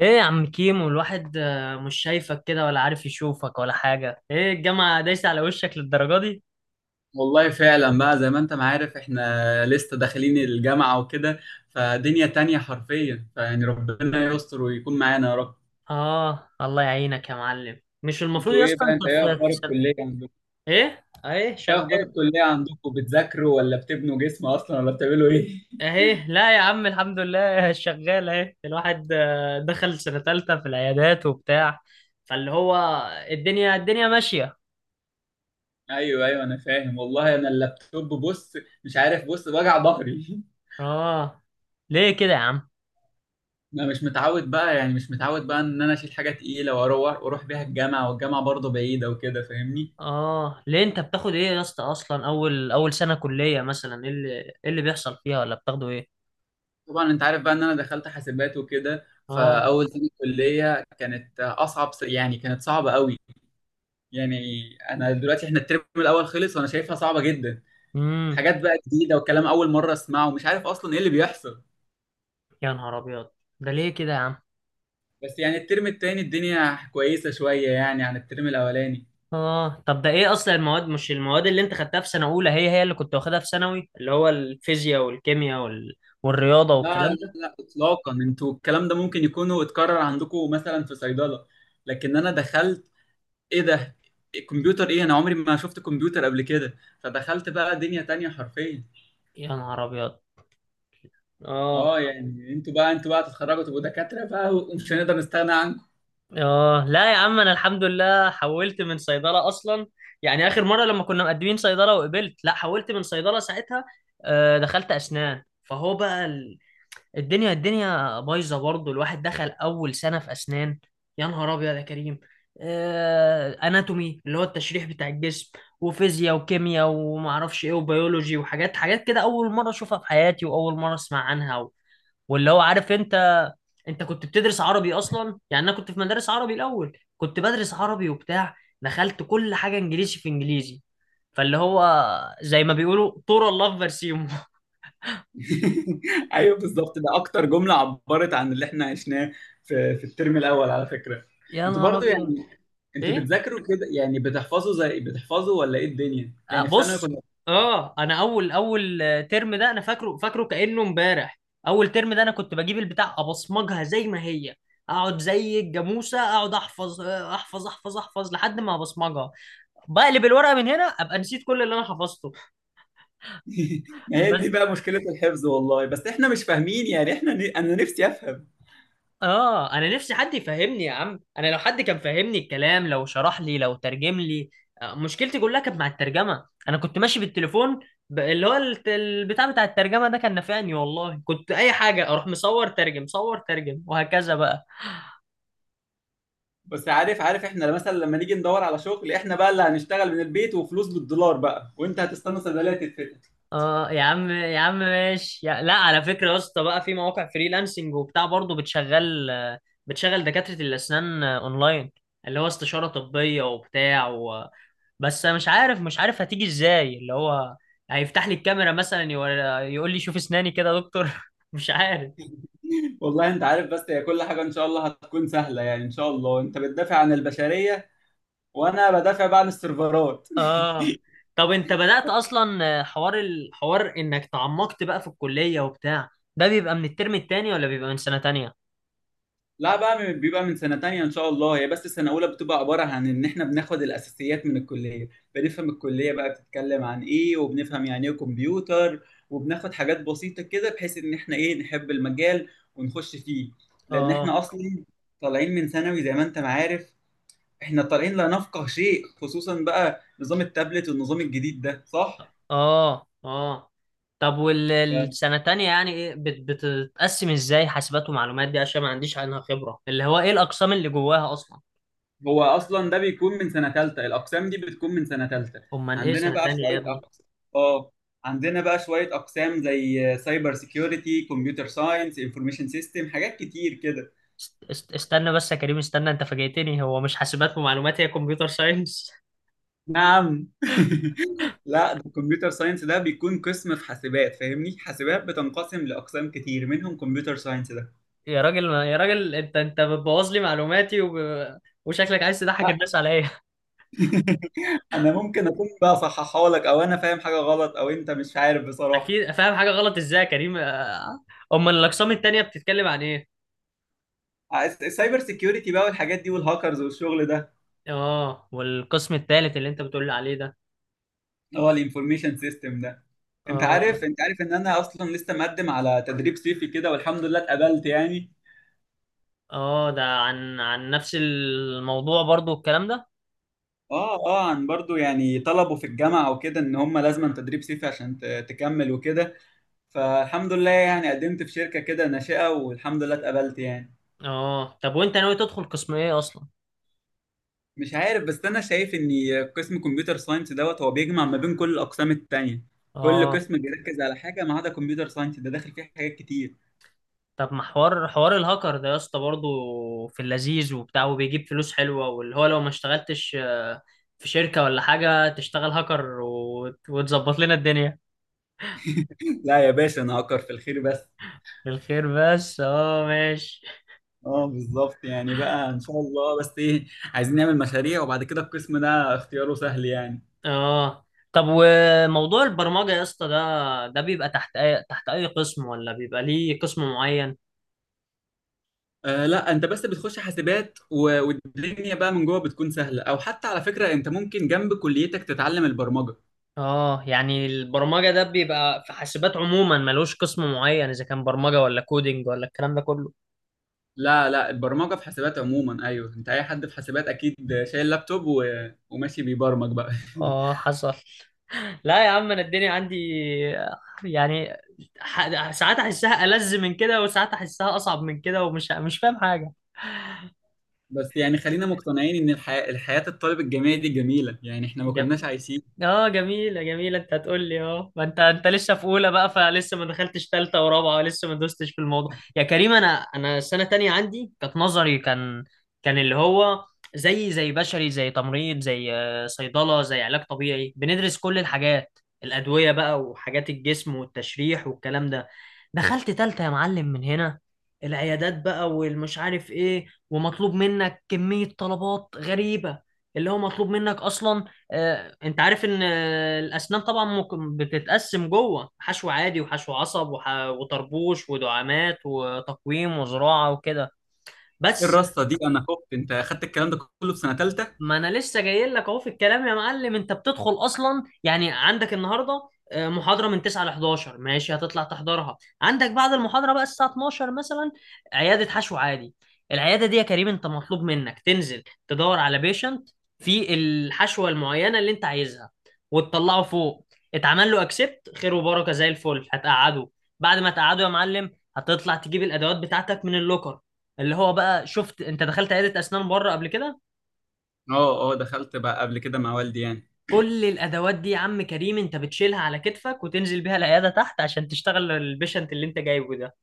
ايه يا عم كيمو، الواحد مش شايفك كده ولا عارف يشوفك ولا حاجة. ايه الجامعة دايسة على وشك للدرجة دي؟ والله فعلا بقى، زي ما انت ما عارف، احنا لسه داخلين الجامعة وكده. فدنيا تانية حرفيا. فيعني ربنا يستر ويكون معانا يا رب. اه، الله يعينك يا معلم. مش المفروض انتوا يا ايه اسطى بقى؟ انت انت ايه في اخبار في سن... الكلية عندكم؟ ايه اهي ايه شغال. اخبار الكلية عندكم؟ بتذاكروا ولا بتبنوا جسم اصلا ولا بتعملوا ايه؟ اهي لا يا عم الحمد لله شغال اهي. الواحد دخل سنة تالتة في العيادات وبتاع، فاللي هو الدنيا ماشية. ايوه ايوه، انا فاهم والله. انا اللابتوب، بص، مش عارف. بص، وجع ظهري. اه، ليه كده يا عم؟ انا مش متعود بقى يعني، مش متعود بقى ان انا اشيل حاجة تقيلة واروح بيها الجامعة، والجامعة برضه بعيدة وكده، فاهمني؟ اه، ليه انت بتاخد ايه يا اسطى اصلا؟ اول سنة كلية مثلا ايه اللي بيحصل فيها، ولا بتاخده ايه؟ طبعا انت عارف بقى ان انا دخلت حاسبات وكده. اه. فاول سنه كليه كانت اصعب، يعني كانت صعبه قوي. يعني انا دلوقتي، احنا الترم الاول خلص، وانا شايفها صعبه جدا. امم. حاجات بقى جديده، وكلام اول مره اسمعه، ومش عارف اصلا ايه اللي بيحصل. يا نهار ابيض، ده ليه كده يا عم؟ بس يعني الترم التاني الدنيا كويسه شويه، يعني عن الترم الاولاني. اه طب ده ايه اصلا المواد؟ مش المواد اللي انت خدتها في سنه اولى هي هي اللي كنت واخدها في ثانوي؟ اللي هو الفيزياء والكيمياء وال... والرياضه والكلام لا لا ده. لا اطلاقا. انتوا الكلام ده ممكن يكونوا اتكرر عندكم مثلا في صيدله، لكن انا دخلت. ايه ده، الكمبيوتر؟ ايه؟ انا عمري ما شفت كمبيوتر قبل كده. فدخلت بقى دنيا تانية حرفيا. يا نهار ابيض. اه اه يعني، انتوا بقى، انتوا بقى تتخرجوا تبقوا دكاترة بقى، ومش هنقدر نستغنى عنكم. اه، لا يا عم، انا الحمد لله حولت من صيدله اصلا. يعني اخر مره لما كنا مقدمين صيدله وقبلت، لا حولت من صيدله ساعتها. آه دخلت اسنان، فهو بقى الدنيا بايظه برضه، الواحد دخل اول سنه في اسنان. يا نهار ابيض يا كريم. اناتومي، اللي هو التشريح بتاع الجسم، وفيزياء وكيمياء وما اعرفش ايه وبيولوجي وحاجات حاجات كده، اول مره اشوفها في حياتي واول مره اسمع عنها و... واللي هو عارف انت، انت كنت بتدرس عربي اصلا. يعني انا كنت في مدارس عربي الاول، كنت بدرس عربي وبتاع، دخلت كل حاجه انجليزي في انجليزي. فاللي هو زي ما بيقولوا طور الله في برسيمه. ايوه بالظبط، ده اكتر جملة عبرت عن اللي احنا عشناه في الترم الاول، على فكرة. يا انتوا نهار برضو ابيض. يعني، انتوا ايه. بتذاكروا كده يعني؟ بتحفظوا، زي بتحفظوا، ولا ايه الدنيا يعني في ثانوي بص. كنا؟ اه، انا اول ترم ده انا فاكره فاكره كانه امبارح. اول ترم ده انا كنت بجيب البتاع ابصمجها زي ما هي، اقعد زي الجاموسه، اقعد احفظ، احفظ احفظ احفظ لحد ما ابصمجها. بقلب الورقه من هنا ابقى نسيت كل اللي انا حفظته. ما هي دي بس بقى مشكلة الحفظ والله. بس احنا مش فاهمين يعني. احنا انا نفسي افهم. اه، انا نفسي حد يفهمني يا عم. انا لو حد كان فهمني الكلام، لو شرح لي، لو ترجم لي. مشكلتي كلها كانت مع الترجمه. انا كنت ماشي بالتليفون، البتاع بتاع الترجمه ده كان نافعني والله. كنت اي حاجه، اروح مصور ترجم، صور ترجم، وهكذا بقى. بس عارف احنا مثلا لما نيجي ندور على شغل، احنا بقى اللي هنشتغل من البيت وفلوس بالدولار بقى. وانت هتستنى صيدلية تتفتح. اه يا عم، يا عم ماشي يا... لا، على فكره يا اسطى، بقى في مواقع فريلانسنج وبتاع برضه بتشغل دكاتره الاسنان اونلاين، اللي هو استشاره طبيه وبتاع. بس أنا مش عارف هتيجي ازاي. اللي هو هيفتح لي الكاميرا مثلا، يقول لي شوف اسناني كده يا دكتور. مش عارف. والله انت عارف، بس هي كل حاجه ان شاء الله هتكون سهله يعني. ان شاء الله انت بتدافع عن البشريه، وانا بدافع بقى عن السيرفرات. اه طب، انت بدأت اصلا الحوار انك تعمقت بقى في الكلية وبتاع، ده بيبقى من الترم التاني ولا بيبقى من سنة تانية؟ لا، بقى بيبقى من سنه تانية ان شاء الله. هي بس سنه اولى بتبقى عباره عن ان احنا بناخد الاساسيات من الكليه. بنفهم الكليه بقى بتتكلم عن ايه، وبنفهم يعني ايه كمبيوتر، وبناخد حاجات بسيطه كده، بحيث ان احنا ايه، نحب المجال ونخش فيه. لان اه احنا اصلا طالعين من ثانوي زي ما انت ما عارف. احنا طالعين لا نفقه شيء، خصوصا بقى نظام التابلت والنظام الجديد ده، صح؟ اه اه. طب والسنة التانية يعني ايه، بتتقسم ازاي؟ حاسبات ومعلومات دي، عشان ما عنديش عنها خبرة، اللي هو ايه الأقسام اللي جواها اصلا؟ هو اصلا ده بيكون من سنه ثالثه. الاقسام دي بتكون من سنه ثالثه. امال ايه عندنا سنة بقى تانية يا شويه ابني؟ اقسام. اه، عندنا بقى شويه اقسام زي سايبر سيكيورتي، كمبيوتر ساينس، انفورميشن سيستم، حاجات كتير كده. استنى بس يا كريم، استنى، انت فاجئتني. هو مش حاسبات ومعلومات هي كمبيوتر ساينس؟ نعم؟ لا، ده الكمبيوتر ساينس ده بيكون قسم في حاسبات، فاهمني. حاسبات بتنقسم لاقسام كتير، منهم كمبيوتر ساينس ده. يا راجل يا راجل، انت بتبوظ لي معلوماتي، وشكلك عايز تضحك لا. الناس عليا. انا ممكن اكون بقى صححها لك، او انا فاهم حاجه غلط، او انت مش عارف بصراحه. اكيد فاهم حاجه غلط. ازاي يا كريم؟ امال الاقسام التانية بتتكلم عن ايه؟ السايبر سيكيورتي بقى والحاجات دي والهاكرز والشغل ده. اه، والقسم الثالث اللي انت بتقول لي عليه ده؟ هو الانفورميشن سيستم ده. انت اه عارف، انت عارف ان انا اصلا لسه مقدم على تدريب صيفي كده والحمد لله اتقبلت يعني. اه، ده عن نفس الموضوع برضو الكلام ده؟ اه اه، عن برضو يعني. طلبوا في الجامعه وكده ان هم لازم تدريب صيفي عشان تكمل وكده. فالحمد لله يعني قدمت في شركه كده ناشئه والحمد لله اتقبلت يعني. اه طب، وانت ناوي تدخل قسم ايه اصلا؟ مش عارف، بس انا شايف ان قسم كمبيوتر ساينس دوت هو بيجمع ما بين كل الاقسام التانية. كل اه قسم بيركز على حاجه ما عدا كمبيوتر ساينس ده، داخل فيه حاجات كتير. طب، ما حوار الهاكر ده يا اسطى برضه في اللذيذ وبتاع وبيجيب فلوس حلوة. واللي هو لو ما اشتغلتش في شركة ولا حاجة، تشتغل هاكر وتظبط لنا الدنيا. لا يا باشا، انا اكر في الخير بس. بالخير بس، اه ماشي. اه بالظبط، يعني بقى ان شاء الله. بس ايه، عايزين نعمل مشاريع، وبعد كده القسم ده اختياره سهل يعني. اه طب وموضوع البرمجة يا اسطى، ده بيبقى تحت أي قسم، ولا بيبقى ليه قسم معين؟ آه لا، انت بس بتخش حاسبات والدنيا بقى من جوه بتكون سهله. او حتى على فكره، انت ممكن جنب كليتك تتعلم البرمجه. اه يعني البرمجة ده بيبقى في حاسبات عموما، ملوش قسم معين، إذا كان برمجة ولا كودينج ولا الكلام ده كله. لا لا، البرمجه في حاسبات عموما. ايوه، انت اي حد في حاسبات اكيد شايل لابتوب و... وماشي بيبرمج بقى. اه حصل. لا يا عم، انا الدنيا عندي يعني، ساعات احسها ألذ من كده وساعات احسها اصعب من كده، ومش مش فاهم حاجه. بس يعني خلينا مقتنعين ان الحياه الطالب الجامعي دي جميله يعني. احنا ما كناش عايشين. اه جميلة جميلة. انت هتقول لي اه ما انت لسه في اولى بقى، فلسه ما دخلتش ثالثة ورابعة ولسه ما دوستش في الموضوع. يا كريم انا السنة تانية عندي كانت نظري. كان اللي هو زي بشري، زي تمريض، زي صيدلة، زي علاج طبيعي. بندرس كل الحاجات، الأدوية بقى وحاجات الجسم والتشريح والكلام ده. دخلت ثالثة يا معلم، من هنا العيادات بقى والمش عارف ايه، ومطلوب منك كمية طلبات غريبة. اللي هو مطلوب منك اصلا، انت عارف ان الاسنان طبعا ممكن بتتقسم جوه حشو عادي وحشو عصب وطربوش ودعامات وتقويم وزراعه وكده، ايه بس. الرصه دي؟ انا خفت. انت اخدت الكلام ده كله في سنه ثالثه؟ ما انا لسه جاي لك اهو في الكلام يا معلم. انت بتدخل اصلا، يعني عندك النهارده محاضره من 9 ل 11، ماشي، هتطلع تحضرها. عندك بعد المحاضره بقى الساعه 12 مثلا عياده حشو عادي. العياده دي يا كريم، انت مطلوب منك تنزل تدور على بيشنت في الحشوه المعينه اللي انت عايزها، وتطلعه فوق. اتعمل له اكسبت، خير وبركه زي الفل، هتقعده. بعد ما تقعده يا معلم، هتطلع تجيب الادوات بتاعتك من اللوكر، اللي هو بقى، شفت انت دخلت عياده اسنان بره قبل كده؟ اه اه، دخلت بقى قبل كده مع والدي يعني. كل الادوات دي يا عم كريم، انت بتشيلها على كتفك وتنزل بيها العياده تحت عشان تشتغل البيشنت اللي انت جايبه ده،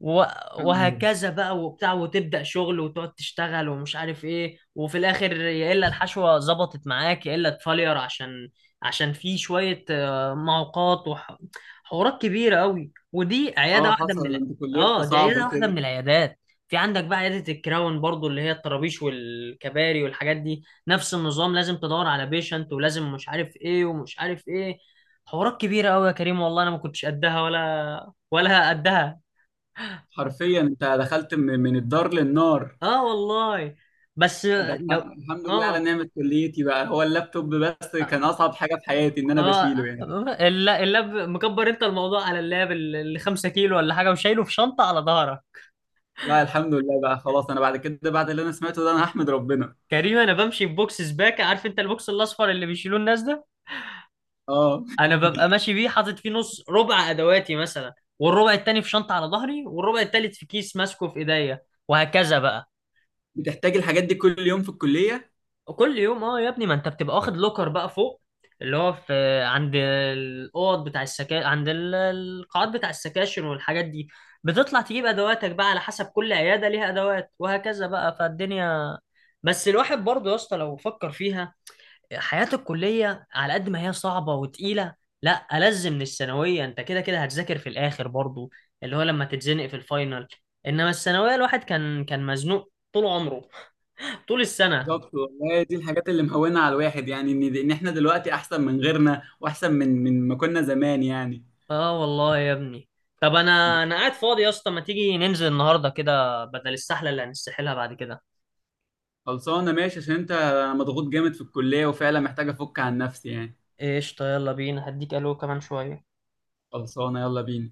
و- كان- وهكذا بقى وبتاع. وتبدأ شغل وتقعد تشتغل ومش عارف ايه، وفي الاخر يا الا الحشوة ظبطت معاك يا الا تفلير، عشان في شوية معوقات وحوارات كبيرة قوي، ودي عيادة اه واحدة من حصل ده، ال... انتوا كليتكم اه، دي صعبة عيادة واحدة من كده. العيادات. في عندك بقى عيادة الكراون برضو، اللي هي الطرابيش والكباري والحاجات دي. نفس النظام، لازم تدور على بيشنت ولازم مش عارف ايه ومش عارف ايه. حوارات كبيرة قوي يا كريم، والله انا ما كنتش قدها، ولا قدها. حرفيا انت دخلت من الدار للنار. اه والله. بس ده لو، الحمد لله على اه نعمة كليتي بقى. هو اللابتوب بس كان اه. أصعب حاجة في حياتي، إن أنا آه. بشيله يعني. اللاب مكبر انت الموضوع، على اللاب اللي 5 كيلو ولا حاجه وشايله في شنطه على ظهرك. لا الحمد لله بقى، خلاص، أنا بعد كده، بعد اللي أنا سمعته ده، أنا هحمد ربنا. كريم، انا بمشي ببوكس سباكه، عارف انت البوكس الاصفر اللي بيشيلوه الناس ده؟ اه. انا ببقى ماشي بيه حاطط فيه نص ربع ادواتي مثلا، والربع التاني في شنطه على ظهري، والربع التالت في كيس ماسكه في ايديا، وهكذا بقى. بتحتاج الحاجات دي كل يوم في الكلية؟ كل يوم اه يا ابني، ما انت بتبقى واخد لوكر بقى فوق، اللي هو في عند الاوض بتاع السكا، عند القاعات بتاع السكاشن والحاجات دي. بتطلع تجيب ادواتك بقى على حسب كل عياده ليها ادوات، وهكذا بقى فالدنيا. بس الواحد برضه يا اسطى لو فكر فيها، حياه الكليه على قد ما هي صعبه وتقيله، لا ألذ من الثانويه. انت كده كده هتذاكر في الاخر برضه، اللي هو لما تتزنق في الفاينل. انما الثانويه الواحد كان مزنوق طول عمره، طول السنة. بالظبط والله. دي الحاجات اللي مهونة على الواحد يعني، إن إحنا دلوقتي أحسن من غيرنا، وأحسن من ما كنا زمان يعني. اه والله يا ابني. طب انا قاعد فاضي يا اسطى، ما تيجي ننزل النهارده كده بدل السحله اللي هنستحلها بعد كده؟ خلصانه ماشي، عشان انت، انا مضغوط جامد في الكليه وفعلا محتاج افك عن نفسي يعني. قشطه، يلا بينا، هديك الو كمان شويه. خلصانه يلا بينا.